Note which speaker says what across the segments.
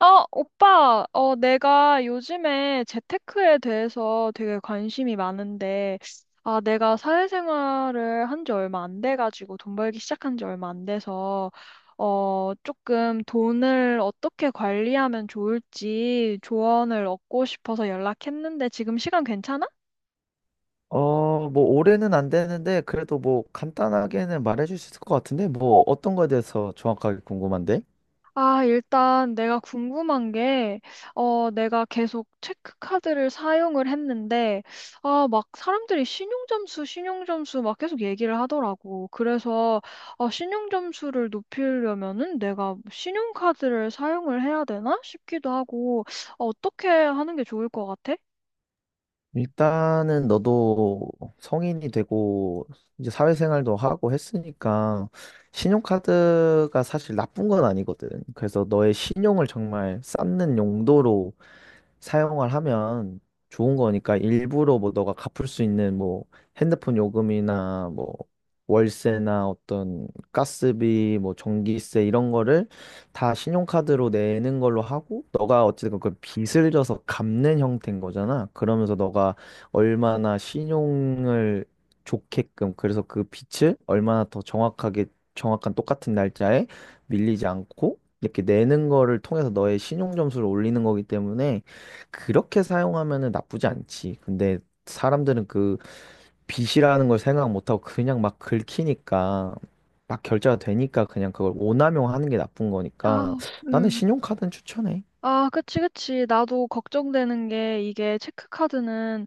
Speaker 1: 오빠, 내가 요즘에 재테크에 대해서 되게 관심이 많은데, 내가 사회생활을 한지 얼마 안 돼가지고, 돈 벌기 시작한 지 얼마 안 돼서, 조금 돈을 어떻게 관리하면 좋을지 조언을 얻고 싶어서 연락했는데, 지금 시간 괜찮아?
Speaker 2: 뭐, 올해는 안 되는데, 그래도 뭐, 간단하게는 말해줄 수 있을 것 같은데, 뭐, 어떤 거에 대해서 정확하게 궁금한데?
Speaker 1: 일단 내가 궁금한 게, 내가 계속 체크카드를 사용을 했는데, 막 사람들이 신용점수 막 계속 얘기를 하더라고. 그래서, 신용점수를 높이려면은 내가 신용카드를 사용을 해야 되나 싶기도 하고, 어떻게 하는 게 좋을 것 같아?
Speaker 2: 일단은 너도 성인이 되고, 이제 사회생활도 하고 했으니까, 신용카드가 사실 나쁜 건 아니거든. 그래서 너의 신용을 정말 쌓는 용도로 사용을 하면 좋은 거니까, 일부러 뭐 너가 갚을 수 있는 뭐 핸드폰 요금이나, 뭐 월세나, 어떤 가스비, 뭐 전기세, 이런 거를 다 신용카드로 내는 걸로 하고, 너가 어쨌든 그 빚을 져서 갚는 형태인 거잖아. 그러면서 너가 얼마나 신용을 좋게끔, 그래서 그 빚을 얼마나 더 정확하게, 정확한 똑같은 날짜에 밀리지 않고 이렇게 내는 거를 통해서 너의 신용 점수를 올리는 거기 때문에, 그렇게 사용하면은 나쁘지 않지. 근데 사람들은 그 빚이라는 걸 생각 못하고 그냥 막 긁히니까, 막 결제가 되니까, 그냥 그걸 오남용 하는 게 나쁜
Speaker 1: 아,
Speaker 2: 거니까. 나는
Speaker 1: 음.
Speaker 2: 신용카드는 추천해.
Speaker 1: 아, 그치, 그치. 나도 걱정되는 게 이게 체크카드는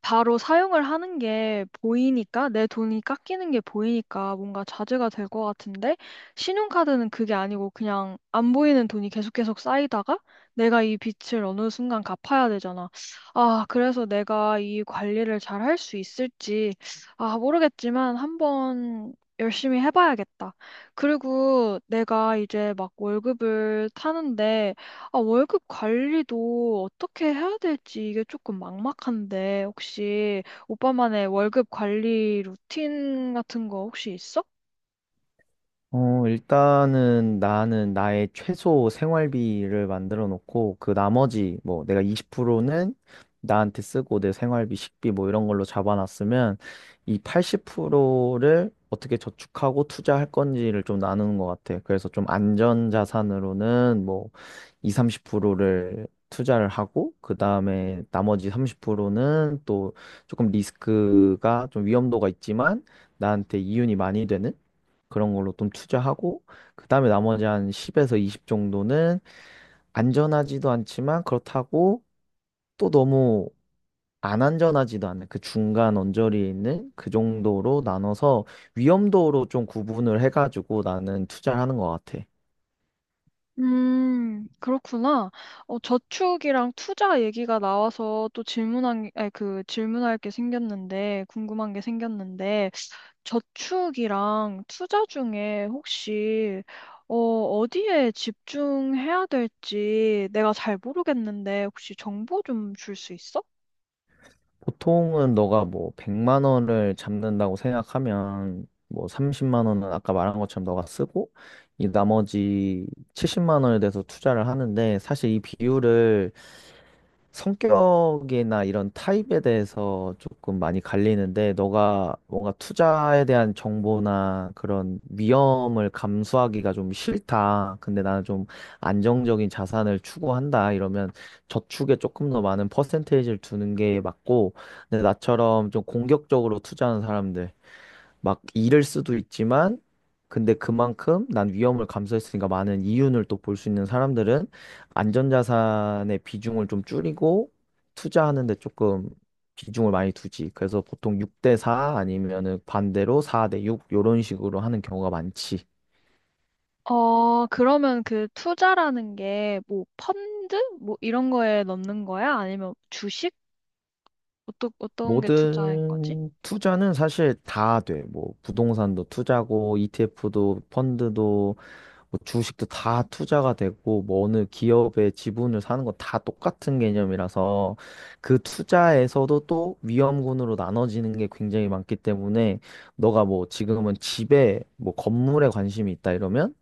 Speaker 1: 바로 사용을 하는 게 보이니까, 내 돈이 깎이는 게 보이니까 뭔가 자제가 될 것 같은데, 신용카드는 그게 아니고 그냥 안 보이는 돈이 계속 쌓이다가 내가 이 빚을 어느 순간 갚아야 되잖아. 그래서 내가 이 관리를 잘 할 수 있을지, 모르겠지만 한번 열심히 해봐야겠다. 그리고 내가 이제 막 월급을 타는데, 월급 관리도 어떻게 해야 될지 이게 조금 막막한데, 혹시 오빠만의 월급 관리 루틴 같은 거 혹시 있어?
Speaker 2: 일단은 나는 나의 최소 생활비를 만들어 놓고, 그 나머지, 뭐, 내가 20%는 나한테 쓰고, 내 생활비, 식비, 뭐, 이런 걸로 잡아놨으면, 이 80%를 어떻게 저축하고 투자할 건지를 좀 나누는 것 같아. 그래서 좀 안전 자산으로는 뭐, 2 30%를 투자를 하고, 그 다음에 나머지 30%는 또 조금 리스크가, 좀 위험도가 있지만 나한테 이윤이 많이 되는 그런 걸로 좀 투자하고, 그다음에 나머지 한 10에서 20 정도는 안전하지도 않지만, 그렇다고 또 너무 안 안전하지도 않은 그 중간 언저리에 있는, 그 정도로 나눠서 위험도로 좀 구분을 해가지고 나는 투자를 하는 것 같아.
Speaker 1: 그렇구나. 저축이랑 투자 얘기가 나와서 또 질문한, 아니, 그 질문할 게 궁금한 게 생겼는데, 저축이랑 투자 중에 혹시, 어디에 집중해야 될지 내가 잘 모르겠는데, 혹시 정보 좀 줄 수 있어?
Speaker 2: 보통은 너가 뭐 100만 원을 잡는다고 생각하면, 뭐 30만 원은 아까 말한 것처럼 너가 쓰고, 이 나머지 70만 원에 대해서 투자를 하는데, 사실 이 비율을 성격이나 이런 타입에 대해서 조금 많이 갈리는데, 너가 뭔가 투자에 대한 정보나 그런 위험을 감수하기가 좀 싫다, 근데 나는 좀 안정적인 자산을 추구한다, 이러면 저축에 조금 더 많은 퍼센테이지를 두는 게 맞고, 근데 나처럼 좀 공격적으로 투자하는 사람들, 막 잃을 수도 있지만 근데 그만큼 난 위험을 감수했으니까 많은 이윤을 또 볼 수 있는 사람들은 안전자산의 비중을 좀 줄이고 투자하는 데 조금 비중을 많이 두지. 그래서 보통 6대 4, 아니면은 반대로 4대 6, 이런 식으로 하는 경우가 많지.
Speaker 1: 그러면 그 투자라는 게 뭐 펀드? 뭐 이런 거에 넣는 거야? 아니면 주식? 어떤 게 투자인 거지?
Speaker 2: 모든 투자는 사실 다 돼. 뭐 부동산도 투자고, ETF도, 펀드도, 뭐 주식도 다 투자가 되고, 뭐 어느 기업의 지분을 사는 건 다 똑같은 개념이라서, 그 투자에서도 또 위험군으로 나눠지는 게 굉장히 많기 때문에, 너가 뭐 지금은 집에, 뭐 건물에 관심이 있다 이러면,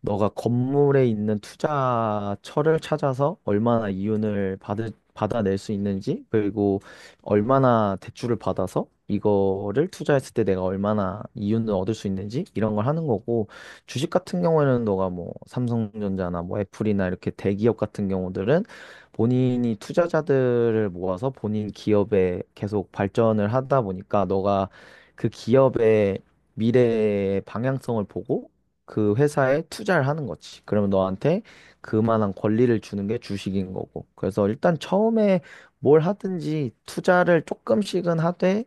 Speaker 2: 너가 건물에 있는 투자처를 찾아서 얼마나 이윤을 받아낼 수 있는지, 그리고 얼마나 대출을 받아서 이거를 투자했을 때 내가 얼마나 이윤을 얻을 수 있는지, 이런 걸 하는 거고, 주식 같은 경우에는 너가 뭐 삼성전자나 뭐 애플이나, 이렇게 대기업 같은 경우들은 본인이 투자자들을 모아서 본인 기업에 계속 발전을 하다 보니까, 너가 그 기업의 미래의 방향성을 보고 그 회사에 투자를 하는 거지. 그러면 너한테 그만한 권리를 주는 게 주식인 거고. 그래서 일단 처음에 뭘 하든지 투자를 조금씩은 하되,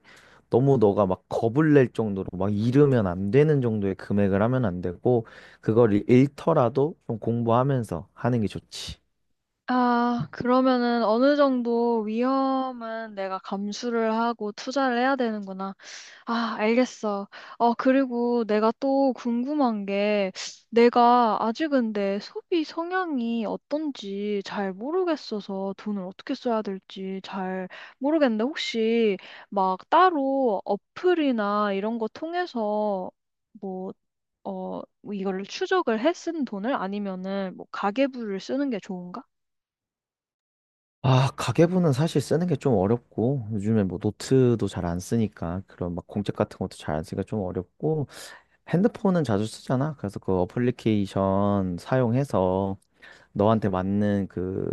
Speaker 2: 너무 너가 막 겁을 낼 정도로 막 잃으면 안 되는 정도의 금액을 하면 안 되고, 그걸 잃더라도 좀 공부하면서 하는 게 좋지.
Speaker 1: 그러면은 어느 정도 위험은 내가 감수를 하고 투자를 해야 되는구나. 아, 알겠어. 그리고 내가 또 궁금한 게, 내가 아직 근데 소비 성향이 어떤지 잘 모르겠어서 돈을 어떻게 써야 될지 잘 모르겠는데, 혹시 막 따로 어플이나 이런 거 통해서 뭐, 뭐 이거를 추적을 해 쓴 돈을 아니면은 뭐 가계부를 쓰는 게 좋은가?
Speaker 2: 아, 가계부는 사실 쓰는 게 좀 어렵고, 요즘에 뭐 노트도 잘 안 쓰니까, 그런 막 공책 같은 것도 잘 안 쓰니까 좀 어렵고, 핸드폰은 자주 쓰잖아. 그래서 그 어플리케이션 사용해서 너한테 맞는 그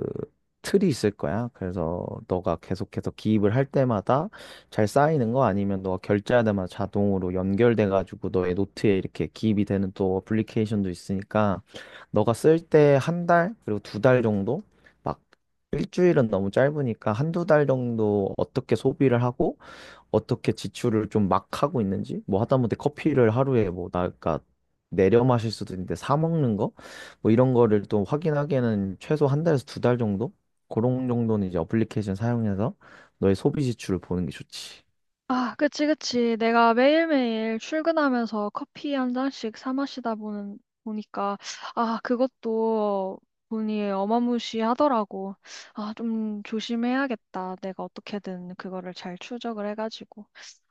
Speaker 2: 틀이 있을 거야. 그래서 너가 계속해서 기입을 할 때마다 잘 쌓이는 거, 아니면 너가 결제할 때마다 자동으로 연결돼 가지고 너의 노트에 이렇게 기입이 되는 또 어플리케이션도 있으니까, 너가 쓸 때 한 달, 그리고 두 달 정도, 막 일주일은 너무 짧으니까 한 두 달 정도 어떻게 소비를 하고 어떻게 지출을 좀 막 하고 있는지, 뭐 하다못해 커피를 하루에, 뭐, 나, 까 내려 마실 수도 있는데 사 먹는 거? 뭐 이런 거를 또 확인하기에는 최소 한 달에서 두 달 정도? 그런 정도는 이제 어플리케이션 사용해서 너의 소비 지출을 보는 게 좋지.
Speaker 1: 아, 그치, 그치. 내가 매일매일 출근하면서 커피 한 잔씩 사 보니까, 그것도 돈이 어마무시하더라고. 아, 좀 조심해야겠다. 내가 어떻게든 그거를 잘 추적을 해가지고.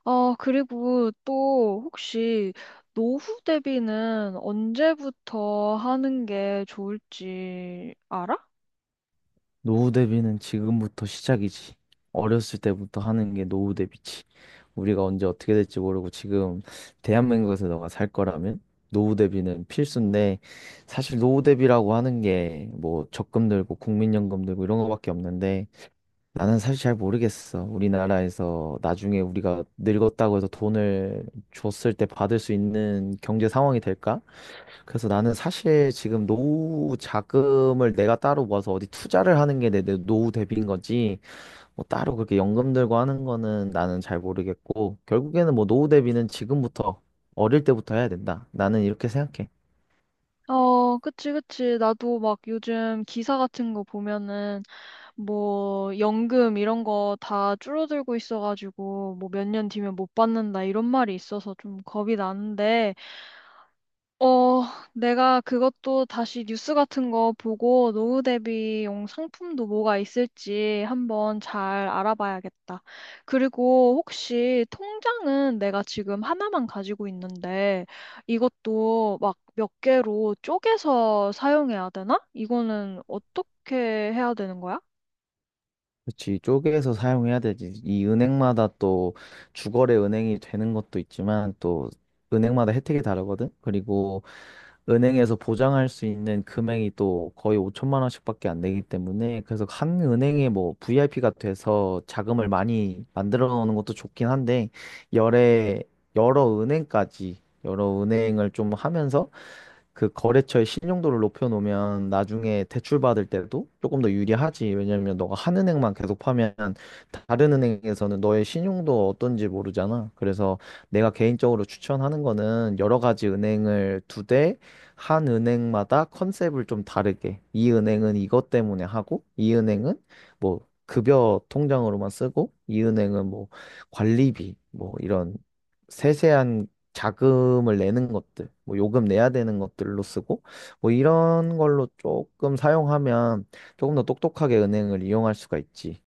Speaker 1: 그리고 또 혹시 노후 대비는 언제부터 하는 게 좋을지 알아?
Speaker 2: 노후 대비는 지금부터 시작이지. 어렸을 때부터 하는 게 노후 대비지. 우리가 언제 어떻게 될지 모르고, 지금 대한민국에서 너가 살 거라면 노후 대비는 필수인데, 사실 노후 대비라고 하는 게 뭐 적금 들고, 국민연금 들고, 이런 거밖에 없는데, 나는 사실 잘 모르겠어. 우리나라에서 나중에 우리가 늙었다고 해서 돈을 줬을 때 받을 수 있는 경제 상황이 될까? 그래서 나는 사실 지금 노후 자금을 내가 따로 모아서 어디 투자를 하는 게 내 노후 대비인 거지, 뭐 따로 그렇게 연금 들고 하는 거는 나는 잘 모르겠고, 결국에는 뭐 노후 대비는 지금부터, 어릴 때부터 해야 된다. 나는 이렇게 생각해.
Speaker 1: 어, 그치, 그치. 나도 막 요즘 기사 같은 거 보면은 뭐 연금 이런 거 다 줄어들고 있어가지고 뭐 몇 년 뒤면 못 받는다 이런 말이 있어서 좀 겁이 나는데 어, 내가 그것도 다시 뉴스 같은 거 보고 노후 대비용 상품도 뭐가 있을지 한번 잘 알아봐야겠다. 그리고 혹시 통장은 내가 지금 하나만 가지고 있는데 이것도 막 몇 개로 쪼개서 사용해야 되나? 이거는 어떻게 해야 되는 거야?
Speaker 2: 그렇지. 쪼개서 사용해야 되지. 이 은행마다 또 주거래 은행이 되는 것도 있지만, 또 은행마다 혜택이 다르거든. 그리고 은행에서 보장할 수 있는 금액이 또 거의 5천만 원씩밖에 안 되기 때문에, 그래서 한 은행에 뭐 VIP가 돼서 자금을 많이 만들어 놓는 것도 좋긴 한데, 여러 여러 은행까지, 여러 은행을 좀 하면서 그 거래처의 신용도를 높여놓으면 나중에 대출받을 때도 조금 더 유리하지. 왜냐면 너가 한 은행만 계속 파면 다른 은행에서는 너의 신용도 어떤지 모르잖아. 그래서 내가 개인적으로 추천하는 거는 여러 가지 은행을 두 대, 한 은행마다 컨셉을 좀 다르게. 이 은행은 이것 때문에 하고, 이 은행은 뭐 급여 통장으로만 쓰고, 이 은행은 뭐 관리비, 뭐 이런 세세한 자금을 내는 것들, 뭐 요금 내야 되는 것들로 쓰고, 뭐 이런 걸로 조금 사용하면 조금 더 똑똑하게 은행을 이용할 수가 있지.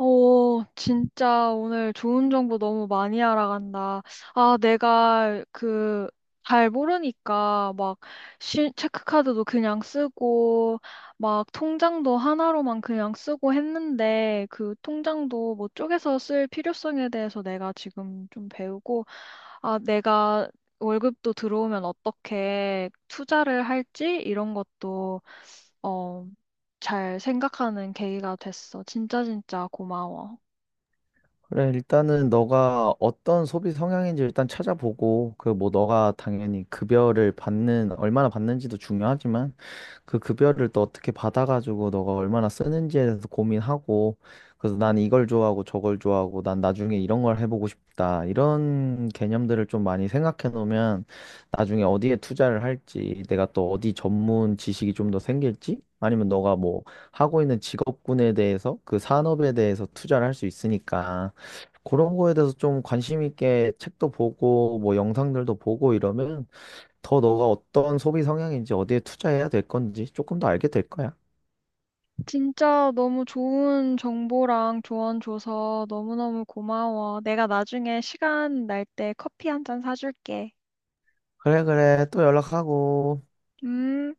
Speaker 1: 진짜 오늘 좋은 정보 너무 많이 알아간다. 내가 잘 모르니까 막 체크카드도 그냥 쓰고 막 통장도 하나로만 그냥 쓰고 했는데 그 통장도 뭐 쪼개서 쓸 필요성에 대해서 내가 지금 좀 배우고 내가 월급도 들어오면 어떻게 투자를 할지 이런 것도 어, 잘 생각하는 계기가 됐어. 진짜 진짜 고마워.
Speaker 2: 그래, 일단은 너가 어떤 소비 성향인지 일단 찾아보고, 그 뭐 너가 당연히 급여를 받는, 얼마나 받는지도 중요하지만, 그 급여를 또 어떻게 받아가지고 너가 얼마나 쓰는지에 대해서 고민하고, 그래서 난 이걸 좋아하고, 저걸 좋아하고, 난 나중에 이런 걸 해보고 싶다, 이런 개념들을 좀 많이 생각해 놓으면 나중에 어디에 투자를 할지, 내가 또 어디 전문 지식이 좀 더 생길지, 아니면 너가 뭐 하고 있는 직업군에 대해서, 그 산업에 대해서 투자를 할 수 있으니까, 그런 거에 대해서 좀 관심 있게 책도 보고, 뭐 영상들도 보고, 이러면 더 너가 어떤 소비 성향인지 어디에 투자해야 될 건지 조금 더 알게 될 거야.
Speaker 1: 진짜 너무 좋은 정보랑 조언 줘서 너무너무 고마워. 내가 나중에 시간 날 때 커피 한 잔 사줄게.
Speaker 2: 그래, 그래. 또 연락하고.
Speaker 1: 음.